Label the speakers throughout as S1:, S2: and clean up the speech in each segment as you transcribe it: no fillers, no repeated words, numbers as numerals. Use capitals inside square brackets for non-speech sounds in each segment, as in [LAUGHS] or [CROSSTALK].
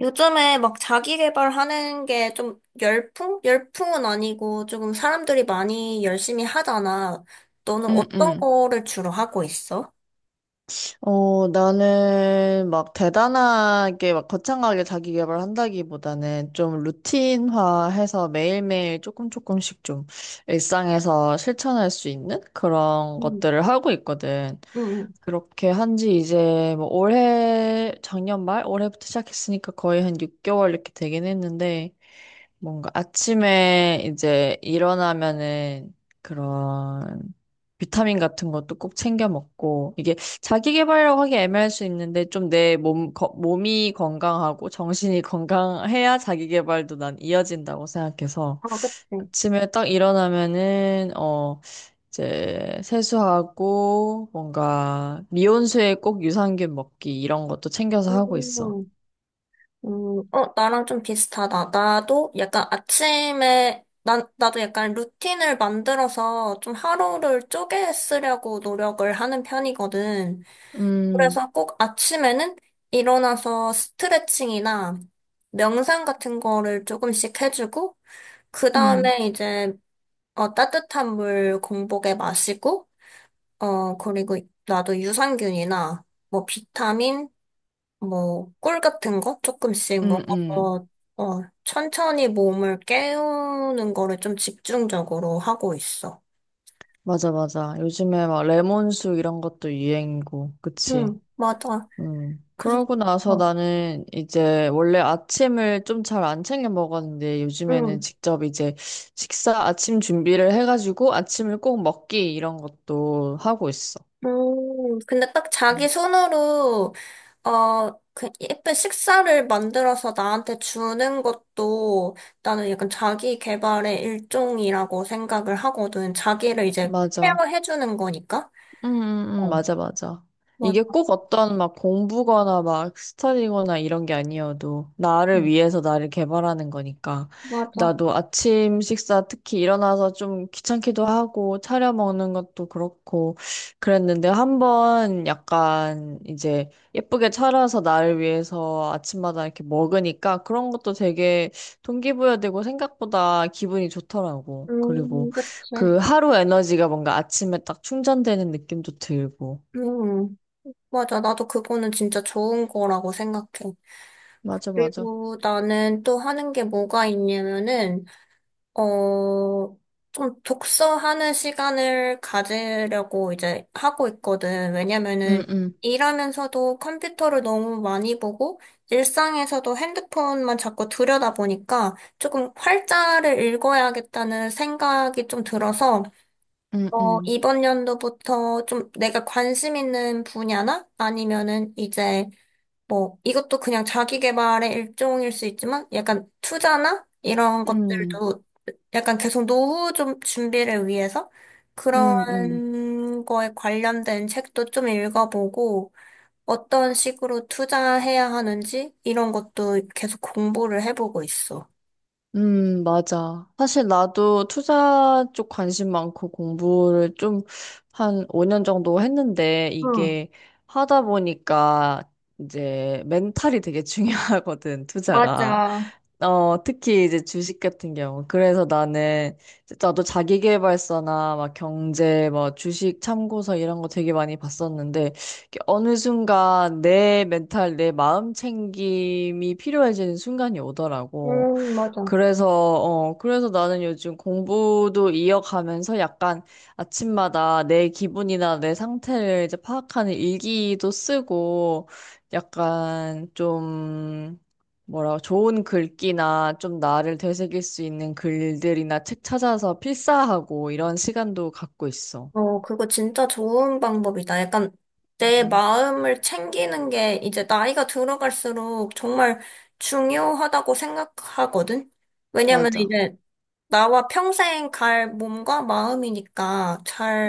S1: 요즘에 자기 개발하는 게 좀 열풍? 열풍은 아니고 조금 사람들이 많이 열심히 하잖아. 너는
S2: 응,
S1: 어떤
S2: 응.
S1: 거를 주로 하고 있어?
S2: 나는 막 대단하게 막 거창하게 자기 개발 한다기보다는 좀 루틴화해서 매일매일 조금씩 좀 일상에서 실천할 수 있는 그런
S1: 음,
S2: 것들을 하고 있거든.
S1: 응, 응.
S2: 그렇게 한지 이제 뭐 올해 작년 말 올해부터 시작했으니까 거의 한 6개월 이렇게 되긴 했는데 뭔가 아침에 이제 일어나면은 그런 비타민 같은 것도 꼭 챙겨 먹고 이게 자기 개발이라고 하기 애매할 수 있는데 좀 몸이 건강하고 정신이 [LAUGHS] 건강해야 자기 개발도 난 이어진다고 생각해서
S1: 어, 그치.
S2: 아침에 딱 일어나면은 이제 세수하고 뭔가 미온수에 꼭 유산균 먹기 이런 것도 챙겨서 하고 있어.
S1: 음, 어, 나랑 좀 비슷하다. 나도 약간 아침에, 나도 약간 루틴을 만들어서 좀 하루를 쪼개 쓰려고 노력을 하는 편이거든.
S2: 음,
S1: 그래서 꼭 아침에는 일어나서 스트레칭이나 명상 같은 거를 조금씩 해주고, 그
S2: 음,
S1: 다음에 이제, 어, 따뜻한 물 공복에 마시고, 어, 그리고 나도 유산균이나, 뭐, 비타민, 뭐, 꿀 같은 거 조금씩
S2: 음, 음.
S1: 먹어서, 어, 천천히 몸을 깨우는 거를 좀 집중적으로 하고 있어.
S2: 맞아, 맞아. 요즘에 막 레몬수 이런 것도 유행이고, 그치?
S1: 응, 맞아.
S2: 음.
S1: 그래서,
S2: 그러고 나서
S1: 어,
S2: 나는 이제 원래 아침을 좀 잘 안 챙겨 먹었는데 요즘에는
S1: 응.
S2: 직접 이제 식사 아침 준비를 해가지고 아침을 꼭 먹기 이런 것도 하고 있어.
S1: 근데 딱 자기
S2: 음.
S1: 손으로, 어, 그 예쁜 식사를 만들어서 나한테 주는 것도 나는 약간 자기 개발의 일종이라고 생각을 하거든. 자기를 이제
S2: 맞아.
S1: 케어해주는 거니까. 어.
S2: 맞아, 맞아. 이게
S1: 맞아,
S2: 꼭 어떤 막 공부거나 막 스터디거나 이런 게 아니어도 나를
S1: 음.
S2: 위해서 나를 개발하는 거니까.
S1: 맞아.
S2: 나도 아침 식사 특히 일어나서 좀 귀찮기도 하고 차려 먹는 것도 그렇고 그랬는데 한번 약간 이제 예쁘게 차려서 나를 위해서 아침마다 이렇게 먹으니까 그런 것도 되게 동기부여되고 생각보다 기분이 좋더라고. 그리고
S1: 그치.
S2: 그 하루 에너지가 뭔가 아침에 딱 충전되는 느낌도 들고.
S1: 음, 맞아. 나도 그거는 진짜 좋은 거라고 생각해.
S2: 맞아, 맞아.
S1: 그리고 나는 또 하는 게 뭐가 있냐면은, 어, 좀 독서하는 시간을 가지려고 이제 하고 있거든. 왜냐면은
S2: 응, 응,
S1: 일하면서도 컴퓨터를 너무 많이 보고 일상에서도 핸드폰만 자꾸 들여다보니까 조금 활자를 읽어야겠다는 생각이 좀 들어서
S2: 응,
S1: 어,
S2: 응,
S1: 이번 연도부터 좀 내가 관심 있는 분야나 아니면은 이제 뭐 이것도 그냥 자기 개발의 일종일 수 있지만 약간 투자나 이런
S2: 응,
S1: 것들도 약간 계속 노후 좀 준비를 위해서
S2: 응, 응.
S1: 그런 거에 관련된 책도 좀 읽어보고 어떤 식으로 투자해야 하는지 이런 것도 계속 공부를 해보고 있어.
S2: 맞아. 사실 나도 투자 쪽 관심 많고 공부를 좀 한 5년 정도 했는데
S1: 응,
S2: 이게 하다 보니까 이제 멘탈이 되게 [LAUGHS] 중요하거든, 투자가.
S1: 맞아.
S2: 어, 특히 이제 주식 같은 경우. 그래서 나는 진짜 나도 자기계발서나 막 경제, 뭐 주식 참고서 이런 거 되게 많이 봤었는데 이게 어느 순간 내 멘탈, 내 마음 챙김이 필요해지는 순간이 오더라고.
S1: 맞아.
S2: 그래서 나는 요즘 공부도 이어가면서 약간 아침마다 내 기분이나 내 상태를 이제 파악하는 일기도 쓰고 약간 좀 뭐라고 좋은 글귀나 좀 나를 되새길 수 있는 글들이나 책 찾아서 필사하고 이런 시간도 갖고 있어.
S1: 어, 그거 진짜 좋은 방법이다. 약간 내
S2: 음.
S1: 마음을 챙기는 게 이제 나이가 들어갈수록 정말 중요하다고 생각하거든? 왜냐면
S2: 맞아.
S1: 이제 나와 평생 갈 몸과 마음이니까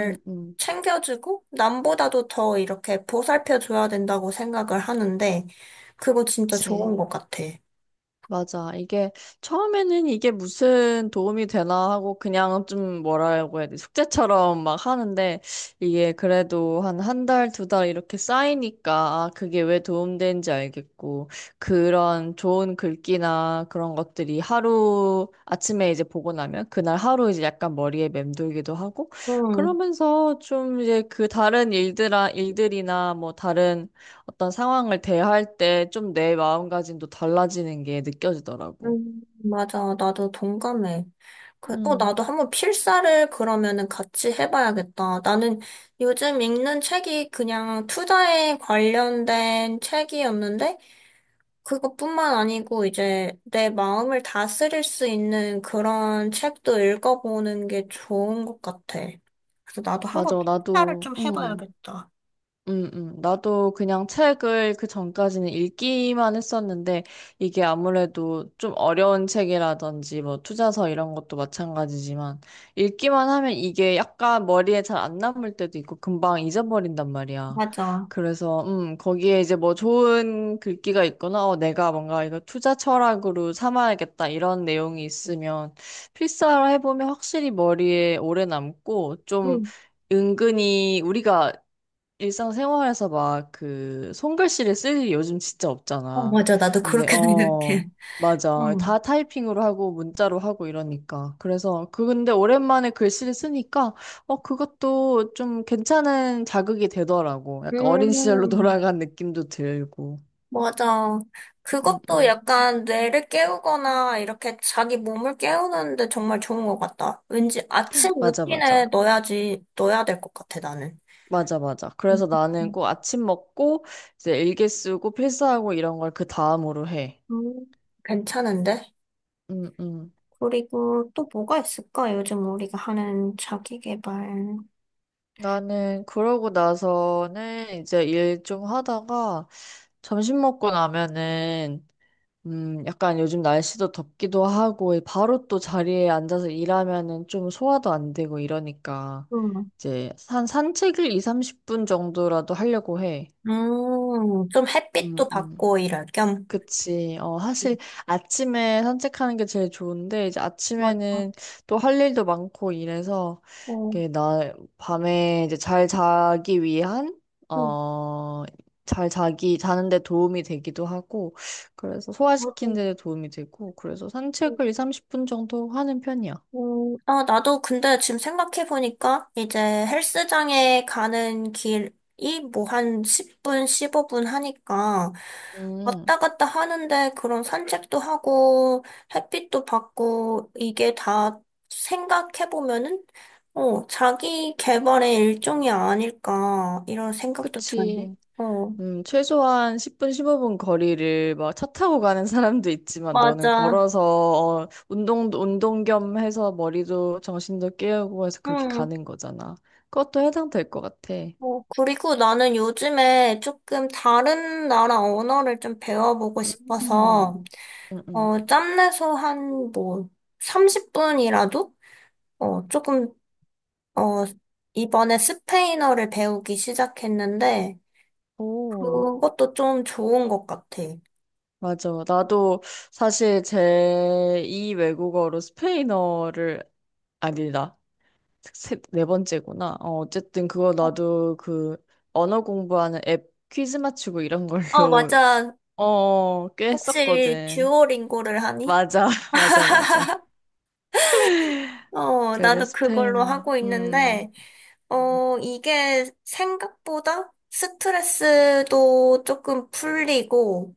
S2: 응, 응.
S1: 챙겨주고 남보다도 더 이렇게 보살펴줘야 된다고 생각을 하는데 그거 진짜
S2: 그
S1: 좋은 것 같아.
S2: 맞아. 이게 처음에는 이게 무슨 도움이 되나 하고 그냥 좀 뭐라고 해야 돼. 숙제처럼 막 하는데 이게 그래도 한 한 달, 두 달 이렇게 쌓이니까 아, 그게 왜 도움되는지 알겠고 그런 좋은 글귀나 그런 것들이 하루 아침에 이제 보고 나면 그날 하루 이제 약간 머리에 맴돌기도 하고
S1: 응,
S2: 그러면서 좀 이제 그 다른 일들이나 뭐 다른 어떤 상황을 대할 때 좀 내 마음가짐도 달라지는 게 느껴지더라고.
S1: 응, 맞아. 나도 동감해. 그, 어,
S2: 음,
S1: 나도 한번 필사를 그러면은 같이 해봐야겠다. 나는 요즘 읽는 책이 그냥 투자에 관련된 책이었는데 그것뿐만 아니고 이제 내 마음을 다스릴 수 있는 그런 책도 읽어보는 게 좋은 것 같아. 그래서 나도 한번
S2: 맞아.
S1: 필사를
S2: 나도,
S1: 좀
S2: 음.
S1: 해봐야겠다.
S2: 나도 그냥 책을 그 전까지는 읽기만 했었는데, 이게 아무래도 좀 어려운 책이라든지, 뭐, 투자서 이런 것도 마찬가지지만, 읽기만 하면 이게 약간 머리에 잘 안 남을 때도 있고, 금방 잊어버린단 말이야.
S1: 맞아.
S2: 그래서, 거기에 이제 뭐 좋은 글귀가 있거나, 내가 뭔가 이거 투자 철학으로 삼아야겠다, 이런 내용이 있으면, 필사를 해보면 확실히 머리에 오래 남고, 좀,
S1: 응,
S2: 은근히 우리가 일상생활에서 막 그 손글씨를 쓸 일이 요즘 진짜
S1: 어,
S2: 없잖아.
S1: 맞아. 나도
S2: 근데
S1: 그렇게 [LAUGHS] 생각해.
S2: 맞아, 다
S1: 응.
S2: 타이핑으로 하고 문자로 하고 이러니까 그래서 근데 오랜만에 글씨를 쓰니까 그것도 좀 괜찮은 자극이 되더라고. 약간 어린 시절로 [LAUGHS]
S1: 음,
S2: 돌아간 느낌도 들고.
S1: 맞아.
S2: 음,
S1: 그것도
S2: 음.
S1: 약간 뇌를 깨우거나 이렇게 자기 몸을 깨우는데 정말 좋은 것 같다. 왠지 아침
S2: 맞아,
S1: 루틴에
S2: 맞아.
S1: 넣어야지, 넣어야 될 것 같아, 나는.
S2: 맞아, 맞아.
S1: 음.
S2: 그래서 나는 꼭 아침 먹고, 이제 일기 쓰고, 필사하고 이런 걸 그 다음으로 해.
S1: 음, 괜찮은데?
S2: 음, 음.
S1: 그리고 또 뭐가 있을까? 요즘 우리가 하는 자기 개발.
S2: 나는 그러고 나서는 이제 일 좀 하다가 점심 먹고 나면은 약간 요즘 날씨도 덥기도 하고 바로 또 자리에 앉아서 일하면은 좀 소화도 안 되고 이러니까
S1: 음,
S2: 이제 한 산책을 2, 30분 정도라도 하려고 해.
S1: 좀
S2: 음,
S1: 햇빛도
S2: 음.
S1: 받고 이럴 겸.
S2: 그치. 어, 사실 아침에 산책하는 게 제일 좋은데, 이제
S1: 맞아.
S2: 아침에는 또 할 일도 많고 이래서,
S1: 어,
S2: 이게 나, 밤에 이제 잘 자기 위한,
S1: 응,
S2: 어, 자는데 도움이 되기도 하고, 그래서
S1: 맞아.
S2: 소화시키는 데 도움이 되고, 그래서 산책을 2, 30분 정도 하는 편이야.
S1: 아, 나도 근데 지금 생각해보니까 이제 헬스장에 가는 길이 뭐 한 10분, 15분 하니까
S2: 음,
S1: 왔다 갔다 하는데 그런 산책도 하고 햇빛도 받고 이게 다 생각해보면은 어, 자기 개발의 일종이 아닐까 이런 생각도 드네.
S2: 그치.
S1: 어,
S2: 최소한 10분, 15분 거리를 막 차 타고 가는 사람도 있지만 너는
S1: 맞아.
S2: 걸어서 운동 겸 해서 머리도 정신도 깨우고 해서 그렇게
S1: 음.
S2: 가는 거잖아. 그것도 해당될 것 같아.
S1: 어, 그리고 나는 요즘에 조금 다른 나라 언어를 좀 배워보고
S2: 음,
S1: 싶어서,
S2: 음, 음.
S1: 어, 짬내서 한 뭐, 30분이라도? 어, 조금, 어, 이번에 스페인어를 배우기 시작했는데,
S2: 오,
S1: 그것도 좀 좋은 것 같아.
S2: 맞아. 나도 사실 제2 외국어로 스페인어를 아니다. 세, 네 번째구나. 어쨌든 그거 나도 그 언어 공부하는 앱 퀴즈 맞추고 이런
S1: 어,
S2: 걸로
S1: 맞아.
S2: 꽤
S1: 혹시
S2: 했었거든.
S1: 듀오링고를 하니?
S2: 맞아, [LAUGHS] 맞아, 맞아.
S1: 어,
S2: 그래서
S1: 나도 그걸로
S2: 스페인어,
S1: 하고 있는데, 어, 이게 생각보다 스트레스도 조금 풀리고,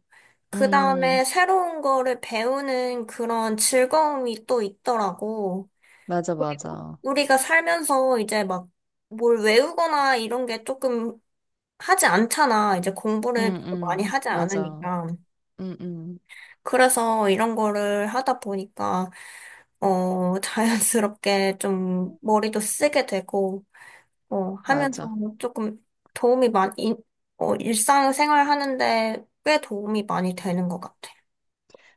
S1: 그
S2: 음,
S1: 다음에 새로운 거를 배우는 그런 즐거움이 또 있더라고.
S2: 맞아,
S1: 그리고
S2: 맞아.
S1: 우리가 살면서 이제 막 뭘 외우거나 이런 게 조금 하지 않잖아. 이제 공부를 많이 하지
S2: 맞아.
S1: 않으니까.
S2: 음, 음,
S1: 그래서 이런 거를 하다 보니까, 어, 자연스럽게 좀 머리도 쓰게 되고, 어, 하면
S2: 맞아.
S1: 좀 조금 도움이 많이, 어, 일상생활 하는데 꽤 도움이 많이 되는 것 같아.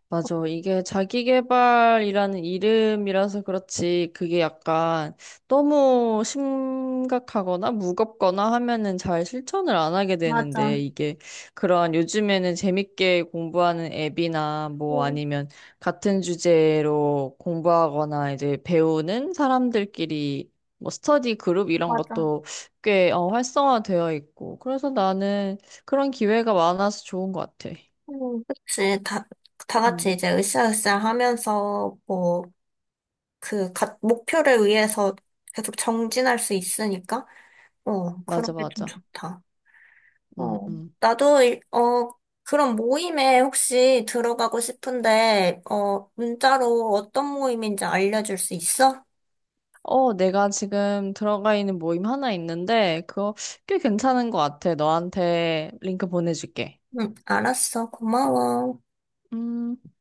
S2: 맞아. 이게 자기계발이라는 이름이라서 그렇지, 그게 약간 너무 심각하거나 무겁거나 하면은 잘 실천을 안 하게
S1: 맞아.
S2: 되는데, 이게 그러한 요즘에는 재밌게 공부하는 앱이나 뭐
S1: 응,
S2: 아니면 같은 주제로 공부하거나 이제 배우는 사람들끼리 뭐 스터디 그룹 이런
S1: 맞아.
S2: 것도 꽤 활성화되어 있고, 그래서 나는 그런 기회가 많아서 좋은 것 같아.
S1: 그치. 다, 다
S2: 음,
S1: 같이 이제 으쌰으쌰 하면서, 뭐, 목표를 위해서 계속 정진할 수 있으니까, 어,
S2: 맞아,
S1: 그런 게 좀
S2: 맞아.
S1: 좋다.
S2: 음,
S1: 어,
S2: 음.
S1: 나도, 어, 그런 모임에 혹시 들어가고 싶은데, 어, 문자로 어떤 모임인지 알려줄 수 있어?
S2: 어, 내가 지금 들어가 있는 모임 하나 있는데, 그거 꽤 괜찮은 것 같아. 너한테 링크 보내줄게.
S1: 응, 알았어. 고마워.
S2: 음.